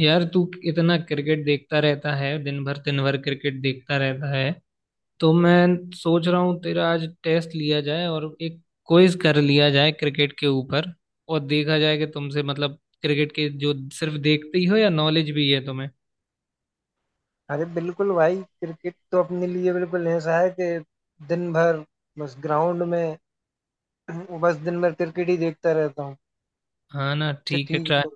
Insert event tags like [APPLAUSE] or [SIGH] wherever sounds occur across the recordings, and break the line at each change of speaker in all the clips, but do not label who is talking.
यार तू इतना क्रिकेट देखता रहता है। दिन भर क्रिकेट देखता रहता है। तो मैं सोच रहा हूँ तेरा आज टेस्ट लिया जाए और एक क्विज कर लिया जाए क्रिकेट के ऊपर। और देखा जाए कि तुमसे मतलब क्रिकेट के जो सिर्फ देखते ही हो या नॉलेज भी है तुम्हें।
अरे बिल्कुल भाई, क्रिकेट तो अपने लिए बिल्कुल ऐसा है कि दिन भर बस ग्राउंड में। [CLEARS THROAT] बस दिन भर क्रिकेट ही देखता रहता हूँ।
हाँ ना,
अच्छा,
ठीक है
ठीक
ट्राई,
है।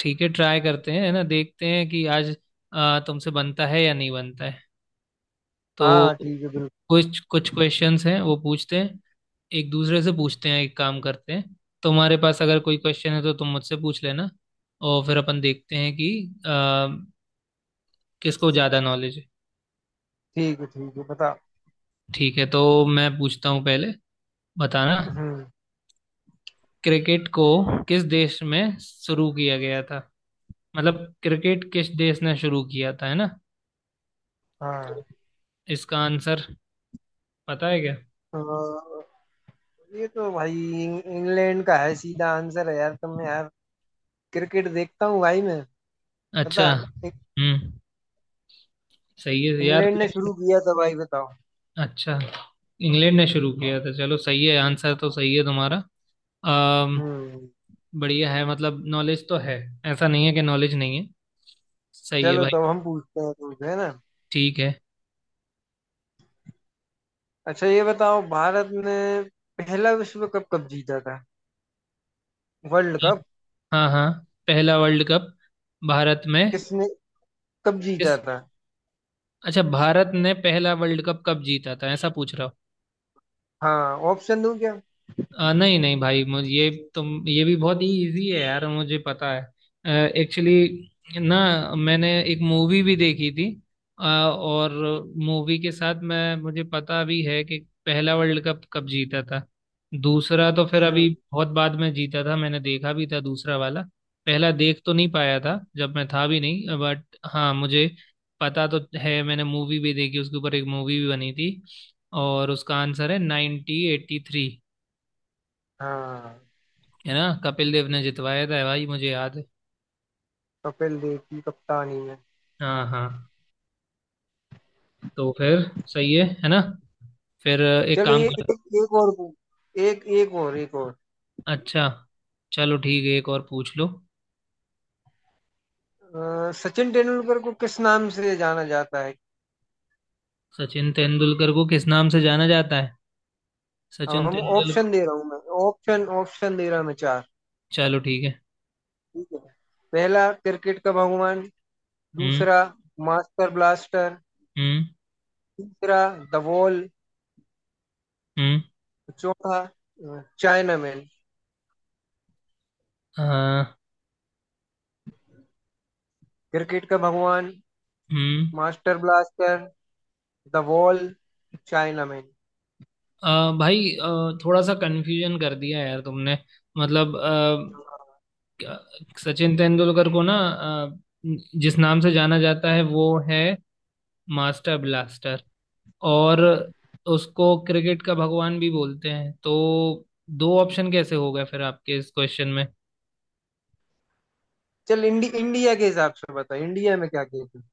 ठीक है ट्राई करते हैं है ना। देखते हैं कि आज तुमसे बनता है या नहीं बनता है। तो
हाँ हाँ, ठीक है, बिल्कुल।
कुछ कुछ क्वेश्चंस हैं वो पूछते हैं, एक दूसरे से पूछते हैं, एक काम करते हैं। तुम्हारे पास अगर कोई क्वेश्चन है तो तुम मुझसे पूछ लेना। और फिर अपन देखते हैं कि अ, किसको ज़्यादा नॉलेज है।
ठीक है, ठीक है, बता।
ठीक है तो मैं पूछता हूँ पहले, बताना।
हम्म।
क्रिकेट को किस देश में शुरू किया गया था, मतलब क्रिकेट किस देश ने शुरू किया था है ना। तो
हाँ।
इसका आंसर पता है क्या।
अ, ये तो भाई इंग्लैंड का है, सीधा आंसर है यार। तुम यार, क्रिकेट देखता हूँ भाई मैं।
अच्छा।
पता इं-
हम्म, सही है यार
इंग्लैंड ने
लेकिन।
शुरू किया था भाई, बताओ।
अच्छा, इंग्लैंड ने शुरू किया था, चलो सही है, आंसर तो सही है तुम्हारा। अम
हम्म।
बढ़िया है, मतलब नॉलेज तो है। ऐसा नहीं है कि नॉलेज नहीं है। सही है
चलो तब
भाई।
हम पूछते हैं तुमसे, है ना।
ठीक है।
अच्छा ये बताओ, भारत ने पहला विश्व कप कब जीता था? वर्ल्ड कप
हाँ हाँ, पहला वर्ल्ड कप भारत में
किसने कब जीता
किस।
था?
अच्छा, भारत ने पहला वर्ल्ड कप कब जीता था, ऐसा पूछ रहा।
हाँ, ऑप्शन दूं क्या?
नहीं नहीं भाई मुझे ये, तुम ये भी बहुत ही इजी है यार, मुझे पता है एक्चुअली ना। मैंने एक मूवी भी देखी थी और मूवी के साथ मैं मुझे पता भी है कि पहला वर्ल्ड कप कब जीता था। दूसरा तो फिर अभी
हम्म।
बहुत बाद में जीता था, मैंने देखा भी था दूसरा वाला। पहला देख तो नहीं पाया था जब मैं था भी नहीं, बट हाँ मुझे पता तो है, मैंने मूवी भी देखी उसके ऊपर, एक मूवी भी बनी थी। और उसका आंसर है 1983।
हाँ,
है ना, कपिल देव ने जितवाया था भाई मुझे याद है।
कपिल देव की कप्तानी में।
हाँ हाँ, तो फिर सही है ना। फिर एक
चलो
काम
ये
कर।
एक एक और, एक और।
अच्छा, चलो ठीक है एक और पूछ लो।
सचिन तेंदुलकर को किस नाम से जाना जाता है?
सचिन तेंदुलकर को किस नाम से जाना जाता है।
अब
सचिन
हम
तेंदुलकर।
ऑप्शन दे रहा हूँ मैं, ऑप्शन ऑप्शन दे रहा हूँ मैं चार।
चलो ठीक है।
ठीक है। पहला, क्रिकेट का भगवान।
हम्म।
दूसरा, मास्टर ब्लास्टर।
हम्म।
तीसरा, द वॉल।
हम्म।
चौथा चाइनामैन।
हाँ।
क्रिकेट का भगवान,
हम्म।
Master blaster, the wall, chinaman.
भाई थोड़ा सा कंफ्यूजन कर दिया यार तुमने। मतलब सचिन तेंदुलकर को ना, जिस नाम से जाना जाता है वो है मास्टर ब्लास्टर। और उसको क्रिकेट का भगवान भी बोलते हैं, तो दो ऑप्शन कैसे हो गए फिर आपके इस क्वेश्चन में।
चल इंडिया के हिसाब से बता, इंडिया में क्या कहते हैं?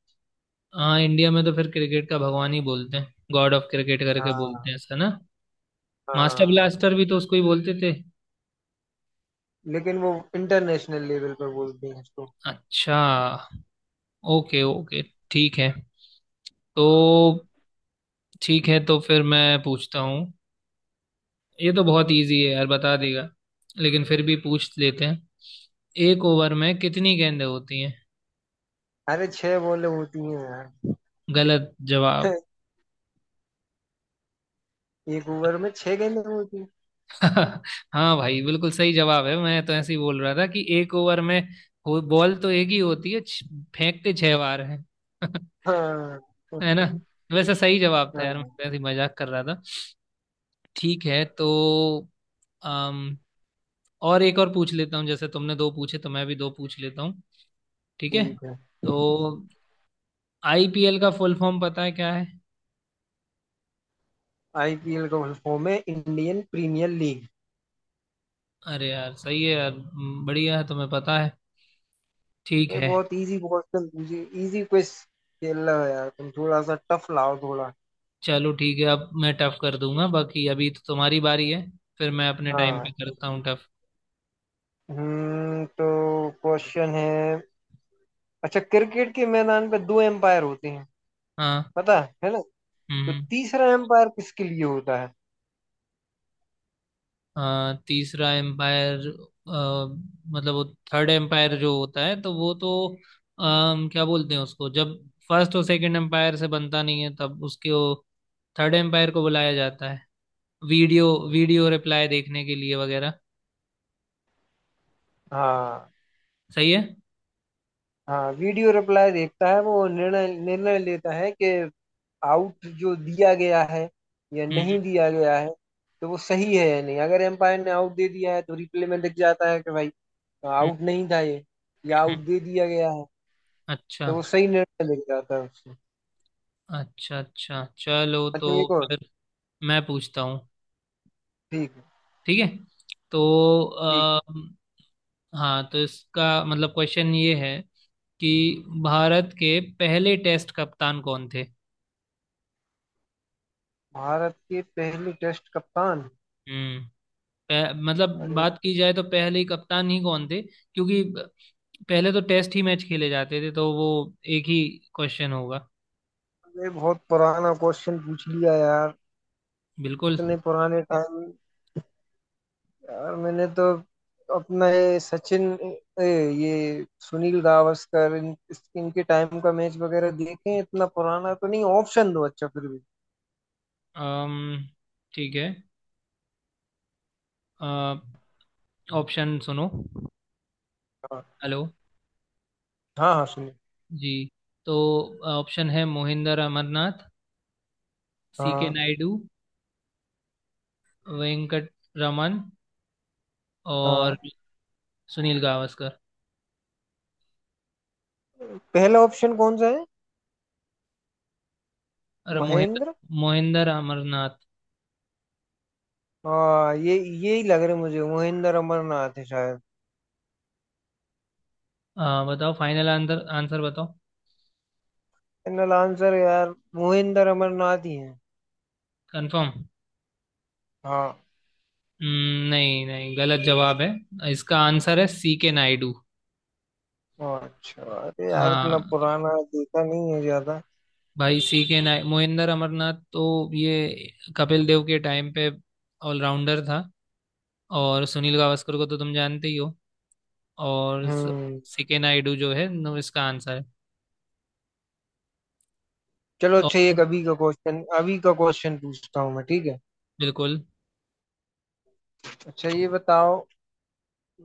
हाँ, इंडिया में तो फिर क्रिकेट का भगवान ही बोलते हैं, गॉड ऑफ क्रिकेट करके बोलते
हाँ।
हैं ऐसा ना। मास्टर
हाँ,
ब्लास्टर भी तो उसको ही बोलते थे।
लेकिन वो इंटरनेशनल लेवल पर बोलते हैं इसको।
अच्छा, ओके ओके, ठीक है। तो ठीक है तो फिर मैं पूछता हूँ। ये तो बहुत इजी है यार, बता देगा, लेकिन फिर भी पूछ लेते हैं। एक ओवर में कितनी गेंदें होती हैं।
अरे छह बॉलें होती हैं यार।
गलत जवाब।
[LAUGHS] एक ओवर में छह गेंदें होती हैं।
हाँ भाई बिल्कुल सही जवाब है, मैं तो ऐसे ही बोल रहा था कि एक ओवर में बॉल तो एक ही होती है, फेंकते छह बार है। [LAUGHS]
हाँ।
है ना। वैसे सही जवाब था यार, मैं
हाँ,
तो ऐसे ही मजाक कर रहा था। ठीक है तो अम, और एक और पूछ लेता हूँ, जैसे तुमने दो पूछे तो मैं भी दो पूछ लेता हूँ। ठीक है।
ठीक है।
तो आईपीएल का फुल फॉर्म पता है क्या है।
आईपीएल का फॉर्म है इंडियन प्रीमियर लीग।
अरे यार सही है यार, बढ़िया है तुम्हें पता है। ठीक
भाई
है।
बहुत इजी क्वेश्चन पूछे, इजी क्विज खेल रहे हो यार तुम। थोड़ा सा टफ लाओ थोड़ा।
चलो ठीक है, अब मैं टफ कर दूंगा, बाकी अभी तो तुम्हारी बारी है। फिर मैं अपने टाइम पे
हाँ।
करता हूँ टफ।
हम्म। तो क्वेश्चन है। अच्छा, क्रिकेट के मैदान पे दो एम्पायर होते हैं,
हाँ।
पता है ना? तो
हम्म।
तीसरा एम्पायर किसके लिए होता है?
हाँ तीसरा एम्पायर, मतलब वो थर्ड एम्पायर जो होता है, तो वो तो क्या बोलते हैं उसको, जब फर्स्ट और सेकंड एम्पायर से बनता नहीं है तब उसके थर्ड एम्पायर को बुलाया जाता है। वीडियो, वीडियो रिप्लाई देखने के लिए वगैरह।
हाँ।
सही है।
हाँ, वीडियो रिप्लाई देखता है वो, निर्णय निर्णय लेता है कि आउट जो दिया गया है या
हम्म।
नहीं दिया गया है, तो वो सही है या नहीं। अगर एम्पायर ने आउट दे दिया है तो रिप्ले में दिख जाता है कि भाई,
हम्म,
आउट नहीं था ये, या आउट
हम्म,
दे दिया गया है।
अच्छा।
तो वो सही निर्णय दिख जाता है उससे।
अच्छा अच्छा, चलो तो
अच्छा, एक और।
फिर मैं पूछता हूँ।
ठीक है,
ठीक है तो
ठीक है।
आ, हाँ तो इसका मतलब क्वेश्चन ये है कि भारत के पहले टेस्ट कप्तान कौन थे।
भारत के पहले टेस्ट कप्तान।
हम्म। मतलब
अरे
बात की जाए तो पहले ही कप्तान ही कौन थे, क्योंकि पहले तो टेस्ट ही मैच खेले जाते थे, तो वो एक ही क्वेश्चन होगा।
ये बहुत पुराना क्वेश्चन पूछ लिया यार।
बिल्कुल।
इतने पुराने टाइम। यार मैंने तो अपना ये सचिन, ए, ये सुनील गावस्कर इनके टाइम का मैच वगैरह देखे हैं। इतना पुराना तो नहीं, ऑप्शन दो अच्छा फिर भी।
अम्म ठीक है, ऑप्शन सुनो।
हाँ
हेलो
हाँ हाँ, सुनील।
जी। तो ऑप्शन है मोहिंदर अमरनाथ, सी के
हाँ।
नायडू, वेंकट रमन, और
हाँ,
सुनील गावस्कर।
पहला ऑप्शन कौन सा है?
अरे मोहिंदर,
महेंद्र।
मोहिंदर अमरनाथ।
हाँ, ये ही लग रहे मुझे, मोहिंदर अमरनाथ है शायद।
बताओ फाइनल आंसर, आंसर बताओ।
फाइनल आंसर यार मोहिंदर अमरनाथ ही है।
कंफर्म।
हाँ।
नहीं नहीं गलत जवाब है, इसका आंसर है सी के नायडू।
हाँ, अच्छा, अरे यार इतना
हाँ
पुराना देखा नहीं है ज्यादा।
भाई, सी के नाय मोहिंदर अमरनाथ तो ये कपिल देव के टाइम पे ऑलराउंडर था। और सुनील गावस्कर को तो तुम जानते ही हो। और
हम्म।
सी के नायडू जो है, नो, इसका आंसर है।
चलो, अच्छा ये
और
अभी का क्वेश्चन, अभी का क्वेश्चन पूछता हूँ मैं, ठीक है।
बिल्कुल।
अच्छा ये बताओ,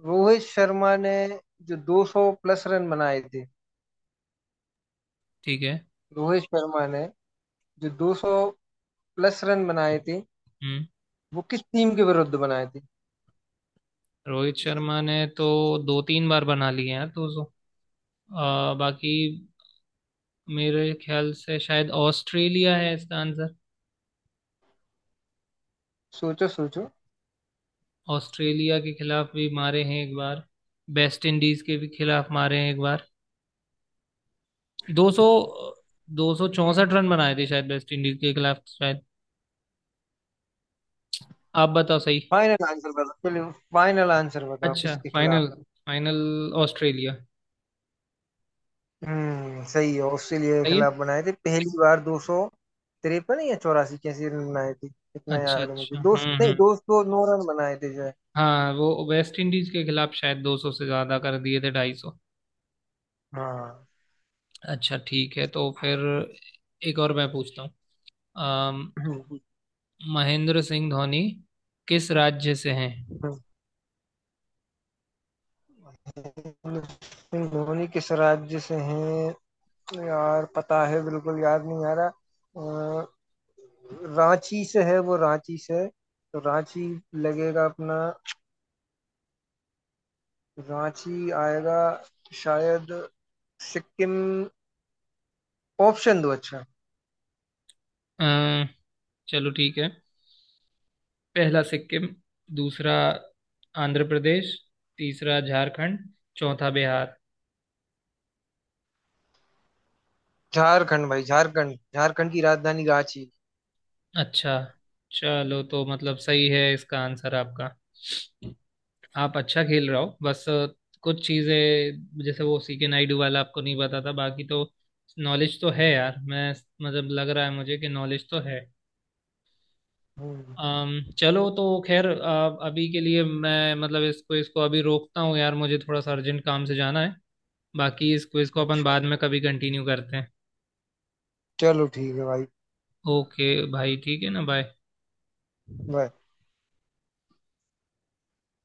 रोहित शर्मा ने जो 200 प्लस रन बनाए थे,
ठीक है।
रोहित शर्मा ने जो 200 प्लस रन बनाए थे,
हम्म।
वो किस टीम के विरुद्ध बनाए थे?
रोहित शर्मा ने तो दो तीन बार बना लिए हैं, तो बाकी मेरे ख्याल से शायद ऑस्ट्रेलिया है इसका आंसर।
सोचो सोचो।
ऑस्ट्रेलिया के खिलाफ भी मारे हैं एक बार, वेस्ट इंडीज के भी खिलाफ मारे हैं एक बार। 200, 264 रन बनाए थे शायद वेस्ट इंडीज के खिलाफ शायद। आप बताओ सही।
फाइनल आंसर बताओ चलो, फाइनल आंसर बताओ,
अच्छा
किसके खिलाफ?
Final, final Australia.
हम्म, सही है, ऑस्ट्रेलिया के
सही है।
खिलाफ बनाए थे पहली बार 253 या चौरासी, कैसे रन बनाए थे? इतना
अच्छा
याद है मुझे
अच्छा,
दो सौ
हम्म।
नहीं, 209 रन बनाए थे जो है।
हाँ वो वेस्ट इंडीज के खिलाफ शायद 200 से ज्यादा कर दिए थे, 250।
हाँ।
अच्छा ठीक है तो फिर एक और मैं पूछता हूँ। महेंद्र सिंह धोनी किस राज्य से हैं।
[CLEARS THROAT] महेंद्र सिंह धोनी किस राज्य से हैं? यार पता है, बिल्कुल याद नहीं आ रहा। रांची से है वो, रांची से। तो रांची लगेगा अपना, रांची आएगा शायद। सिक्किम? ऑप्शन दो अच्छा।
अ, चलो ठीक है, पहला सिक्किम, दूसरा आंध्र प्रदेश, तीसरा झारखंड, चौथा बिहार।
झारखंड भाई, झारखंड, झारखंड की राजधानी रांची।
अच्छा, चलो तो मतलब सही है इसका आंसर आपका। आप अच्छा खेल रहे हो, बस कुछ चीजें जैसे वो सी के नायडू वाला आपको नहीं पता था, बाकी तो नॉलेज तो है यार, मैं मतलब लग रहा है मुझे कि नॉलेज तो है।
हम्म।
चलो तो खैर अभी के लिए मैं मतलब इसको इसको अभी रोकता हूँ यार, मुझे थोड़ा सा अर्जेंट काम से जाना है। बाकी इस क्विज को अपन
अच्छा
बाद में कभी कंटिन्यू करते हैं।
चलो, ठीक है भाई,
ओके। भाई ठीक है ना, बाय।
बाय।